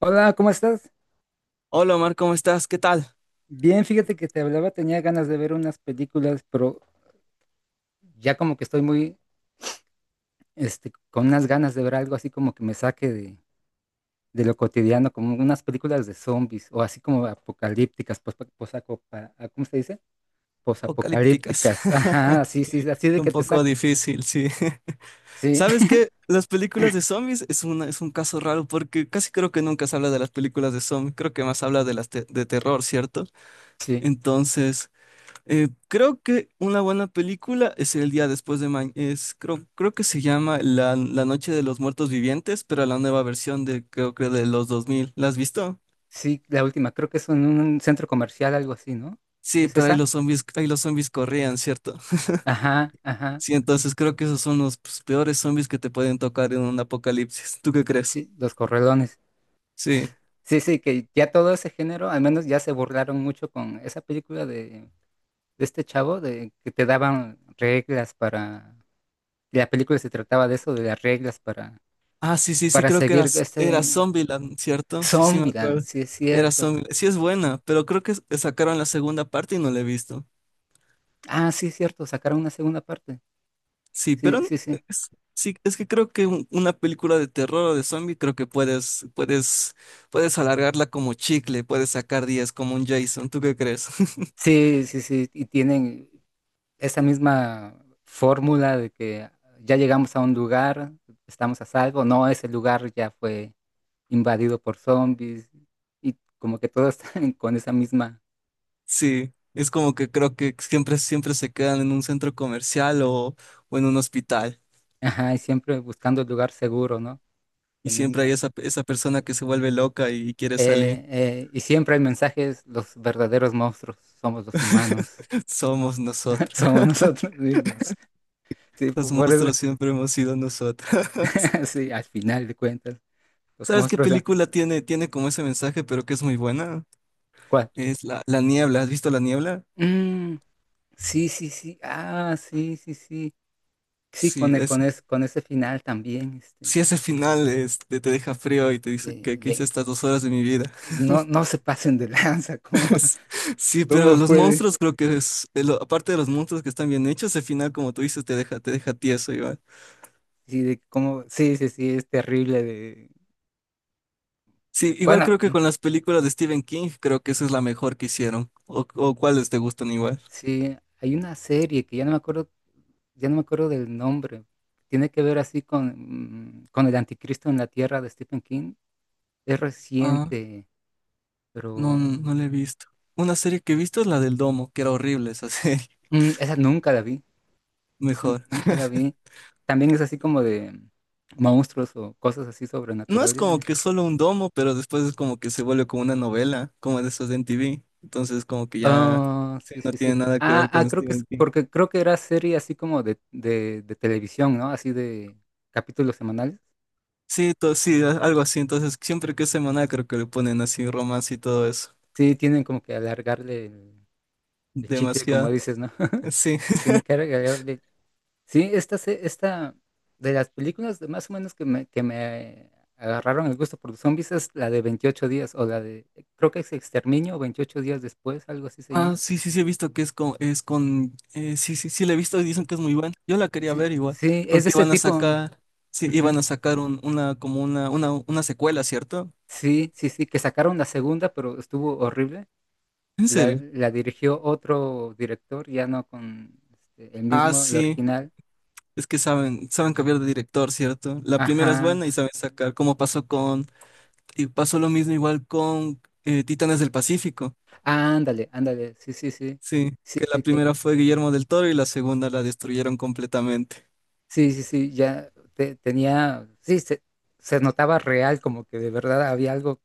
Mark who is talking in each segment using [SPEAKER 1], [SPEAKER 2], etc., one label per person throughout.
[SPEAKER 1] Hola, ¿cómo estás?
[SPEAKER 2] Hola Omar, ¿cómo estás? ¿Qué tal?
[SPEAKER 1] Bien, fíjate que te hablaba, tenía ganas de ver unas películas, pero ya como que estoy muy, este, con unas ganas de ver algo así como que me saque de lo cotidiano, como unas películas de zombies o así como apocalípticas, pos, posaco- pa- ah, ¿cómo se dice?
[SPEAKER 2] Apocalípticas.
[SPEAKER 1] Posapocalípticas, ajá, sí, sí, así de
[SPEAKER 2] Un
[SPEAKER 1] que te
[SPEAKER 2] poco
[SPEAKER 1] saque.
[SPEAKER 2] difícil, sí.
[SPEAKER 1] Sí,
[SPEAKER 2] ¿Sabes qué? Las películas de zombies es un caso raro porque casi creo que nunca se habla de las películas de zombies, creo que más habla de de terror, ¿cierto?
[SPEAKER 1] sí,
[SPEAKER 2] Entonces, creo que una buena película es El día después de mañana, creo que se llama La Noche de los Muertos Vivientes, pero la nueva versión de, creo que de los 2000. ¿La has visto?
[SPEAKER 1] sí, la última, creo que es en un centro comercial, algo así, ¿no?
[SPEAKER 2] Sí,
[SPEAKER 1] ¿Es
[SPEAKER 2] pero
[SPEAKER 1] esa?
[SPEAKER 2] ahí los zombies corrían, ¿cierto?
[SPEAKER 1] Ajá, ajá,
[SPEAKER 2] Sí, entonces creo que esos son los pues, peores zombies que te pueden tocar en un apocalipsis. ¿Tú qué crees?
[SPEAKER 1] sí, Los Correlones.
[SPEAKER 2] Sí.
[SPEAKER 1] Sí, sí, que ya todo ese género, al menos ya se burlaron mucho con esa película de este chavo, de que te daban reglas para, la película se trataba de eso, de las reglas para,
[SPEAKER 2] Ah, sí, sí, sí,
[SPEAKER 1] para
[SPEAKER 2] creo que
[SPEAKER 1] seguir
[SPEAKER 2] era
[SPEAKER 1] este
[SPEAKER 2] Zombieland, ¿cierto? Sí, sí, me
[SPEAKER 1] Zombieland,
[SPEAKER 2] acuerdo.
[SPEAKER 1] sí es
[SPEAKER 2] Era
[SPEAKER 1] cierto.
[SPEAKER 2] Zombieland. Sí, es buena, pero creo que sacaron la segunda parte y no la he visto.
[SPEAKER 1] Ah, sí es cierto, sacaron una segunda parte.
[SPEAKER 2] Sí, pero
[SPEAKER 1] Sí, sí, sí.
[SPEAKER 2] sí, es que creo que una película de terror o de zombie, creo que puedes alargarla como chicle, puedes sacar 10 como un Jason. ¿Tú qué crees?
[SPEAKER 1] Sí, sí, sí, y tienen esa misma fórmula de que ya llegamos a un lugar, estamos a salvo, no, ese lugar ya fue invadido por zombies y como que todos están con esa misma,
[SPEAKER 2] Sí, es como que creo que siempre se quedan en un centro comercial o, en un hospital.
[SPEAKER 1] ajá, y siempre buscando el lugar seguro, ¿no? Que
[SPEAKER 2] Y siempre hay
[SPEAKER 1] nunca.
[SPEAKER 2] esa persona que se vuelve loca y quiere salir.
[SPEAKER 1] Y siempre el mensaje es, los verdaderos monstruos somos los humanos,
[SPEAKER 2] Somos nosotros.
[SPEAKER 1] somos nosotros mismos. Sí,
[SPEAKER 2] Los
[SPEAKER 1] por eso,
[SPEAKER 2] monstruos siempre hemos sido nosotros.
[SPEAKER 1] sí, al final de cuentas, los
[SPEAKER 2] ¿Sabes qué
[SPEAKER 1] monstruos,
[SPEAKER 2] película tiene como ese mensaje, pero que es muy buena?
[SPEAKER 1] ¿cuál?
[SPEAKER 2] Es La Niebla. ¿Has visto La Niebla?
[SPEAKER 1] Mm, sí, sí, sí, ah, sí, sí, sí. Sí,
[SPEAKER 2] Sí,
[SPEAKER 1] con, e- con, es- con ese final también, este,
[SPEAKER 2] sí, ese final este, te deja frío y te dice
[SPEAKER 1] de,
[SPEAKER 2] que hice
[SPEAKER 1] de-
[SPEAKER 2] estas dos horas de mi vida.
[SPEAKER 1] no, no se pasen de lanza, ¿cómo,
[SPEAKER 2] Es- Sí, pero
[SPEAKER 1] cómo
[SPEAKER 2] los
[SPEAKER 1] fue?
[SPEAKER 2] monstruos creo que aparte de los monstruos que están bien hechos, el final, como tú dices, te deja tieso igual.
[SPEAKER 1] Sí, de cómo, sí, sí, sí, es terrible de...
[SPEAKER 2] Sí, igual
[SPEAKER 1] Bueno,
[SPEAKER 2] creo que con las películas de Stephen King, creo que esa es la mejor que hicieron. O cuáles te gustan igual.
[SPEAKER 1] sí, hay una serie que ya no me acuerdo, ya no me acuerdo del nombre. Tiene que ver así con el anticristo en la tierra de Stephen King. Es
[SPEAKER 2] Ah,
[SPEAKER 1] reciente,
[SPEAKER 2] no,
[SPEAKER 1] pero
[SPEAKER 2] no la he visto. Una serie que he visto es la del domo, que era horrible esa serie.
[SPEAKER 1] esa nunca la vi. Esa
[SPEAKER 2] Mejor.
[SPEAKER 1] nunca la vi. También es así como de monstruos o cosas así
[SPEAKER 2] No es
[SPEAKER 1] sobrenaturales.
[SPEAKER 2] como
[SPEAKER 1] ¿Eh?
[SPEAKER 2] que solo un domo, pero después es como que se vuelve como una novela, como de esas de MTV. Entonces como que ya
[SPEAKER 1] Ah,
[SPEAKER 2] sí,
[SPEAKER 1] sí,
[SPEAKER 2] no
[SPEAKER 1] sí,
[SPEAKER 2] tiene
[SPEAKER 1] sí.
[SPEAKER 2] nada que
[SPEAKER 1] Ah,
[SPEAKER 2] ver
[SPEAKER 1] ah,
[SPEAKER 2] con
[SPEAKER 1] creo que
[SPEAKER 2] Stephen
[SPEAKER 1] es,
[SPEAKER 2] King.
[SPEAKER 1] porque creo que era serie así como de televisión, ¿no? Así de capítulos semanales.
[SPEAKER 2] Sí, sí, algo así. Entonces, siempre que es semanal, creo que le ponen así romance y todo eso.
[SPEAKER 1] Sí, tienen como que alargarle el, chicle,
[SPEAKER 2] Demasiado.
[SPEAKER 1] como dices, ¿no?
[SPEAKER 2] Sí.
[SPEAKER 1] Tiene que alargarle. Sí, esta de las películas de más o menos que me agarraron el gusto por los zombies es la de 28 días o la de, creo que es Exterminio o 28 días después, algo así se
[SPEAKER 2] Ah,
[SPEAKER 1] llama.
[SPEAKER 2] sí, sí, sí, he visto que es con, sí, sí, sí, la he visto y dicen que es muy buena. Yo la quería
[SPEAKER 1] Sí,
[SPEAKER 2] ver igual,
[SPEAKER 1] sí, es de
[SPEAKER 2] porque
[SPEAKER 1] este tipo. Ujú.
[SPEAKER 2] iban a sacar una, como una secuela, ¿cierto?
[SPEAKER 1] Sí, sí, sí, que sacaron la segunda, pero estuvo horrible.
[SPEAKER 2] ¿En
[SPEAKER 1] La,
[SPEAKER 2] serio?
[SPEAKER 1] la dirigió otro director, ya no con este, el
[SPEAKER 2] Ah,
[SPEAKER 1] mismo, el
[SPEAKER 2] sí,
[SPEAKER 1] original.
[SPEAKER 2] es que saben cambiar de director, ¿cierto? La primera es
[SPEAKER 1] Ajá.
[SPEAKER 2] buena y saben sacar, y pasó lo mismo igual con Titanes del Pacífico.
[SPEAKER 1] Ándale, ándale, sí, sí, sí,
[SPEAKER 2] Sí,
[SPEAKER 1] sí,
[SPEAKER 2] que la
[SPEAKER 1] sí, que,
[SPEAKER 2] primera fue Guillermo del Toro y la segunda la destruyeron completamente.
[SPEAKER 1] sí, sí, sí, ya tenía, sí, se notaba real, como que de verdad había algo,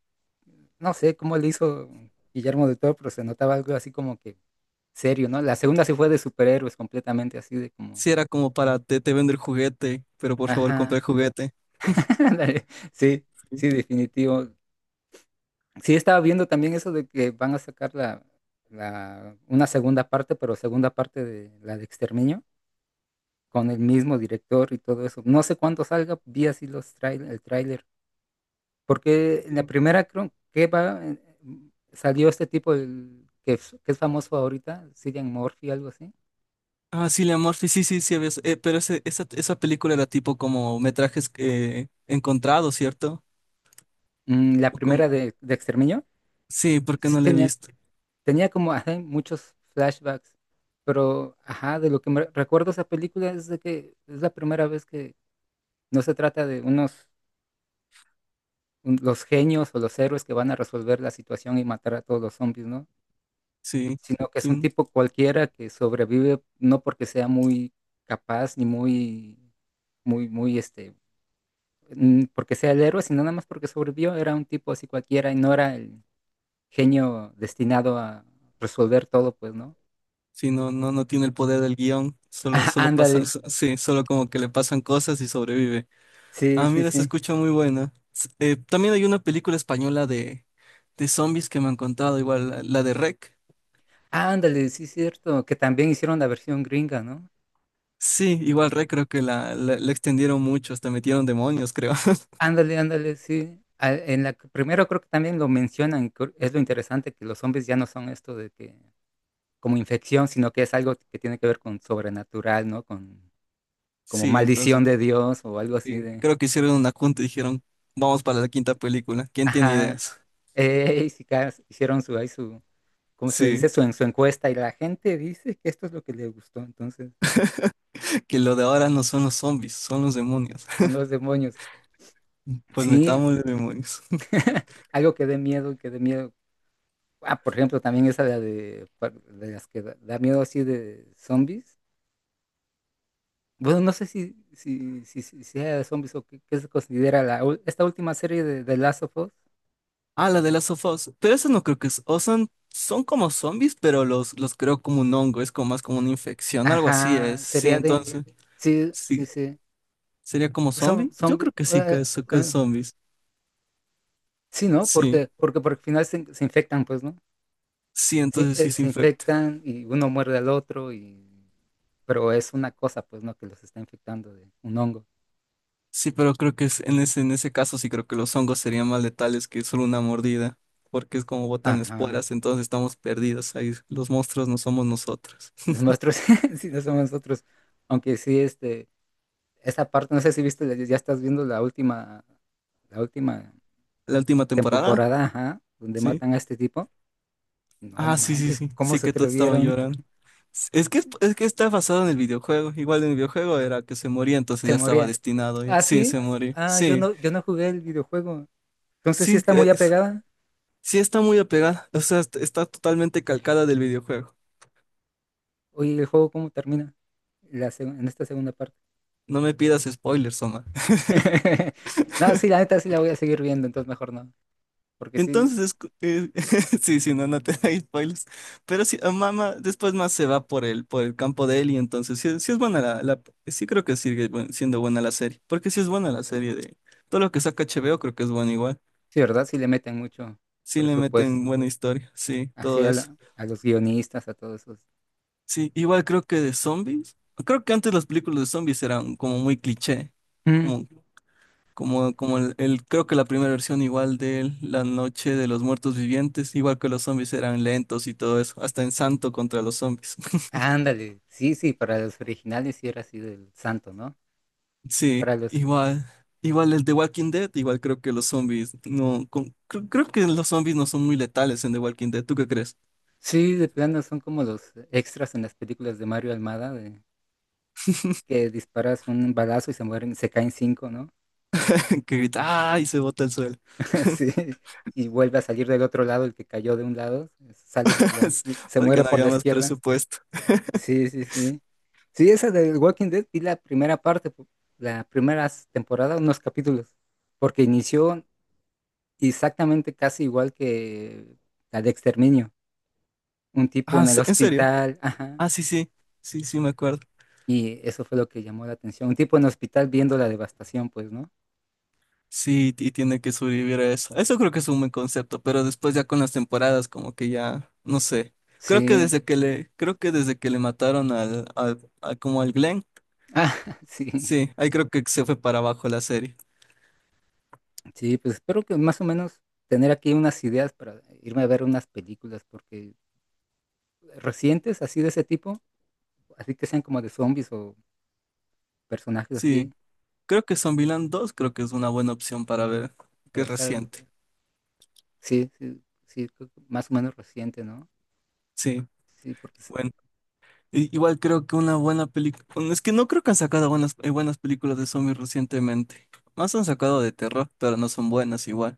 [SPEAKER 1] no sé cómo le hizo Guillermo del Toro, pero se notaba algo así como que serio, ¿no? La segunda sí fue de superhéroes completamente, así de como,
[SPEAKER 2] Sí, era como para te vendo el juguete, pero por favor compra
[SPEAKER 1] ajá,
[SPEAKER 2] el juguete.
[SPEAKER 1] ándale, sí, sí, definitivo. Sí, estaba viendo también eso de que van a sacar la, una segunda parte, pero segunda parte de la de Exterminio. Con el mismo director y todo eso. No sé cuándo salga, vi así el tráiler, porque en la
[SPEAKER 2] Sí.
[SPEAKER 1] primera creo que va, salió este tipo que es famoso ahorita, Cillian Murphy, algo así.
[SPEAKER 2] Ah, sí, la Murphy, sí, sí, sí, pero esa película era tipo como metrajes encontrados, ¿cierto?
[SPEAKER 1] La
[SPEAKER 2] O como,
[SPEAKER 1] primera de Exterminio,
[SPEAKER 2] sí, porque
[SPEAKER 1] sí
[SPEAKER 2] no la he
[SPEAKER 1] tenía,
[SPEAKER 2] visto.
[SPEAKER 1] tenía como ajá, muchos flashbacks, pero ajá, de lo que me recuerdo esa película es de que es la primera vez que no se trata de los genios o los héroes que van a resolver la situación y matar a todos los zombies, ¿no?
[SPEAKER 2] Sí,
[SPEAKER 1] Sino que es un
[SPEAKER 2] sí,
[SPEAKER 1] tipo cualquiera que sobrevive no porque sea muy capaz ni muy, muy, muy, este, porque sea el héroe, sino nada más porque sobrevivió, era un tipo así cualquiera y no era el genio destinado a resolver todo, pues, ¿no?
[SPEAKER 2] sí, no, no, no tiene el poder del guión,
[SPEAKER 1] Ah,
[SPEAKER 2] solo pasan,
[SPEAKER 1] ándale,
[SPEAKER 2] solo como que le pasan cosas y sobrevive.
[SPEAKER 1] sí,
[SPEAKER 2] Ah,
[SPEAKER 1] sí,
[SPEAKER 2] mira, se
[SPEAKER 1] sí.
[SPEAKER 2] escucha muy buena. También hay una película española de, zombies que me han contado, igual la de REC.
[SPEAKER 1] Ándale, sí, cierto, que también hicieron la versión gringa, ¿no?
[SPEAKER 2] Sí, igual REC creo que la extendieron mucho, hasta metieron demonios, creo.
[SPEAKER 1] Ándale, ándale, sí. En la primero creo que también lo mencionan, es lo interesante que los zombies ya no son esto de que como infección, sino que es algo que tiene que ver con sobrenatural, ¿no? Con como
[SPEAKER 2] Sí, entonces
[SPEAKER 1] maldición de Dios o algo así
[SPEAKER 2] sí,
[SPEAKER 1] de...
[SPEAKER 2] creo que hicieron una junta y dijeron, vamos para la quinta película. ¿Quién tiene
[SPEAKER 1] Ajá.
[SPEAKER 2] ideas?
[SPEAKER 1] Y si ca- hicieron su, ¿cómo se le
[SPEAKER 2] Sí,
[SPEAKER 1] dice? Su encuesta y la gente dice que esto es lo que le gustó, entonces
[SPEAKER 2] que lo de ahora no son los zombies, son los demonios.
[SPEAKER 1] son los demonios.
[SPEAKER 2] Pues
[SPEAKER 1] Sí,
[SPEAKER 2] metamos los demonios.
[SPEAKER 1] algo que dé miedo, que dé miedo. Ah, por ejemplo, también esa de las que da miedo así de zombies. Bueno, no sé si sea de zombies o qué se considera la, esta última serie de Last of Us.
[SPEAKER 2] Ah, la de las of Us. Pero eso no creo que es. O son como zombies, pero los creo como un hongo. Es como más como una infección, algo así
[SPEAKER 1] Ajá,
[SPEAKER 2] es. Sí,
[SPEAKER 1] sería de...
[SPEAKER 2] entonces.
[SPEAKER 1] Sí,
[SPEAKER 2] Sí.
[SPEAKER 1] sí, sí.
[SPEAKER 2] ¿Sería como
[SPEAKER 1] Son,
[SPEAKER 2] zombie?
[SPEAKER 1] son...
[SPEAKER 2] Yo
[SPEAKER 1] vi-
[SPEAKER 2] creo que sí,
[SPEAKER 1] eh,
[SPEAKER 2] que es
[SPEAKER 1] eh,
[SPEAKER 2] zombies.
[SPEAKER 1] sí, ¿no?
[SPEAKER 2] Sí.
[SPEAKER 1] Porque al final se infectan, pues, ¿no?
[SPEAKER 2] Sí,
[SPEAKER 1] Sí,
[SPEAKER 2] entonces sí se
[SPEAKER 1] se
[SPEAKER 2] infecta.
[SPEAKER 1] infectan y uno muerde al otro y... Pero es una cosa, pues, ¿no? Que los está infectando de un hongo.
[SPEAKER 2] Sí, pero creo que en ese caso sí creo que los hongos serían más letales que solo una mordida. Porque es como botan
[SPEAKER 1] Ajá.
[SPEAKER 2] esporas, entonces estamos perdidos ahí. Los monstruos no somos nosotros.
[SPEAKER 1] Los nuestros, sí, no somos nosotros. Aunque sí, este... Esa parte, no sé si viste, ya estás viendo la última... La última
[SPEAKER 2] La última temporada.
[SPEAKER 1] temporada, ajá, donde
[SPEAKER 2] Sí.
[SPEAKER 1] matan a este tipo. No
[SPEAKER 2] Ah, sí, sí,
[SPEAKER 1] manches,
[SPEAKER 2] sí,
[SPEAKER 1] ¿cómo
[SPEAKER 2] sí
[SPEAKER 1] se
[SPEAKER 2] que todos estaban
[SPEAKER 1] atrevieron?
[SPEAKER 2] llorando. Es que está basado en el videojuego. Igual en el videojuego era que se moría, entonces
[SPEAKER 1] Se
[SPEAKER 2] ya estaba
[SPEAKER 1] moría.
[SPEAKER 2] destinado ya.
[SPEAKER 1] Ah,
[SPEAKER 2] Sí,
[SPEAKER 1] sí.
[SPEAKER 2] se moría.
[SPEAKER 1] Ah, yo
[SPEAKER 2] Sí,
[SPEAKER 1] no, yo no jugué el videojuego. Entonces sí
[SPEAKER 2] sí,
[SPEAKER 1] está muy apegada.
[SPEAKER 2] está muy apegada. O sea, está totalmente calcada del videojuego.
[SPEAKER 1] Oye, ¿el juego cómo termina? En esta segunda parte.
[SPEAKER 2] No me pidas spoilers, Omar.
[SPEAKER 1] No, sí, la neta sí la voy a seguir viendo, entonces mejor no. Porque sí,
[SPEAKER 2] Entonces, sí, sí, no, no te da spoilers. Pero sí, ah, mamá después más se va por el, campo de él y entonces sí, sí es buena creo que sigue siendo buena la serie. Porque sí es buena la serie de todo lo que saca HBO, creo que es bueno igual.
[SPEAKER 1] sí, ¿verdad? Sí le meten mucho
[SPEAKER 2] Sí le meten
[SPEAKER 1] presupuesto.
[SPEAKER 2] buena historia, sí,
[SPEAKER 1] Así
[SPEAKER 2] todo eso.
[SPEAKER 1] a los guionistas, a todos esos.
[SPEAKER 2] Sí, igual creo que de zombies. Creo que antes las películas de zombies eran como muy cliché.
[SPEAKER 1] Mm,
[SPEAKER 2] Como, creo que la primera versión igual de La Noche de los Muertos Vivientes, igual que los zombies eran lentos y todo eso, hasta en Santo contra los zombies.
[SPEAKER 1] ándale. Sí, sí, para los originales sí era así del santo, ¿no?
[SPEAKER 2] Sí,
[SPEAKER 1] Para los...
[SPEAKER 2] igual el de Walking Dead, igual creo que los zombies no, creo que los zombies no son muy letales en The Walking Dead. ¿Tú qué crees?
[SPEAKER 1] Sí, de plano son como los extras en las películas de Mario Almada, de que disparas un balazo y se mueren, se caen cinco, ¿no?
[SPEAKER 2] Que grita, ¡ay! Y se bota el suelo.
[SPEAKER 1] Sí, y vuelve a salir del otro lado, el que cayó de un lado, sale por la, se
[SPEAKER 2] Porque
[SPEAKER 1] muere
[SPEAKER 2] no
[SPEAKER 1] por
[SPEAKER 2] había
[SPEAKER 1] la
[SPEAKER 2] más
[SPEAKER 1] izquierda.
[SPEAKER 2] presupuesto.
[SPEAKER 1] Sí, sí, sí. Sí, esa del Walking Dead vi la primera parte, la primera temporada, unos capítulos, porque inició exactamente casi igual que la de Exterminio. Un tipo
[SPEAKER 2] Ah,
[SPEAKER 1] en el
[SPEAKER 2] ¿en serio?
[SPEAKER 1] hospital, ajá,
[SPEAKER 2] Ah, sí, sí, sí, sí, me acuerdo.
[SPEAKER 1] y eso fue lo que llamó la atención. Un tipo en el hospital viendo la devastación, pues, ¿no?
[SPEAKER 2] Sí, y tiene que sobrevivir a eso. Eso creo que es un buen concepto, pero después ya con las temporadas, como que ya, no sé. Creo que
[SPEAKER 1] Sí,
[SPEAKER 2] desde que le, creo que desde que le mataron como al Glenn,
[SPEAKER 1] ah, sí.
[SPEAKER 2] sí, ahí creo que se fue para abajo la serie.
[SPEAKER 1] Sí, pues espero que más o menos tener aquí unas ideas para irme a ver unas películas, porque recientes, así de ese tipo, así que sean como de zombies o personajes
[SPEAKER 2] Sí,
[SPEAKER 1] así,
[SPEAKER 2] creo que Zombieland 2 creo que es una buena opción para ver, que
[SPEAKER 1] para
[SPEAKER 2] es
[SPEAKER 1] estar,
[SPEAKER 2] reciente.
[SPEAKER 1] sí, sí, sí, creo que más o menos reciente, ¿no?
[SPEAKER 2] Sí,
[SPEAKER 1] Sí, porque sí,
[SPEAKER 2] bueno. Igual creo que una buena película. Es que no creo que han sacado buenas películas de zombies recientemente. Más han sacado de terror, pero no son buenas igual.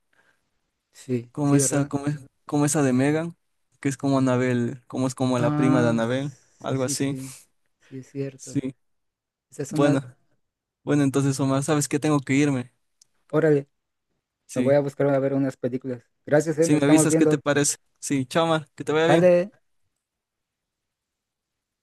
[SPEAKER 1] sí,
[SPEAKER 2] Como
[SPEAKER 1] sí,
[SPEAKER 2] esa,
[SPEAKER 1] ¿verdad?
[SPEAKER 2] como, es- como esa de Megan, que es como Anabel, como es como la prima de
[SPEAKER 1] Ah,
[SPEAKER 2] Anabel,
[SPEAKER 1] sí,
[SPEAKER 2] algo
[SPEAKER 1] sí,
[SPEAKER 2] así.
[SPEAKER 1] sí, sí, es cierto.
[SPEAKER 2] Sí.
[SPEAKER 1] Esa es una,
[SPEAKER 2] Bueno, bueno, entonces Omar, ¿sabes que tengo que irme?
[SPEAKER 1] órale, me voy a
[SPEAKER 2] Sí.
[SPEAKER 1] buscar a ver unas películas. Gracias,
[SPEAKER 2] Si
[SPEAKER 1] nos
[SPEAKER 2] me
[SPEAKER 1] estamos
[SPEAKER 2] avisas, ¿qué te
[SPEAKER 1] viendo.
[SPEAKER 2] parece? Sí, chao, Omar, que te vaya bien.
[SPEAKER 1] Sale.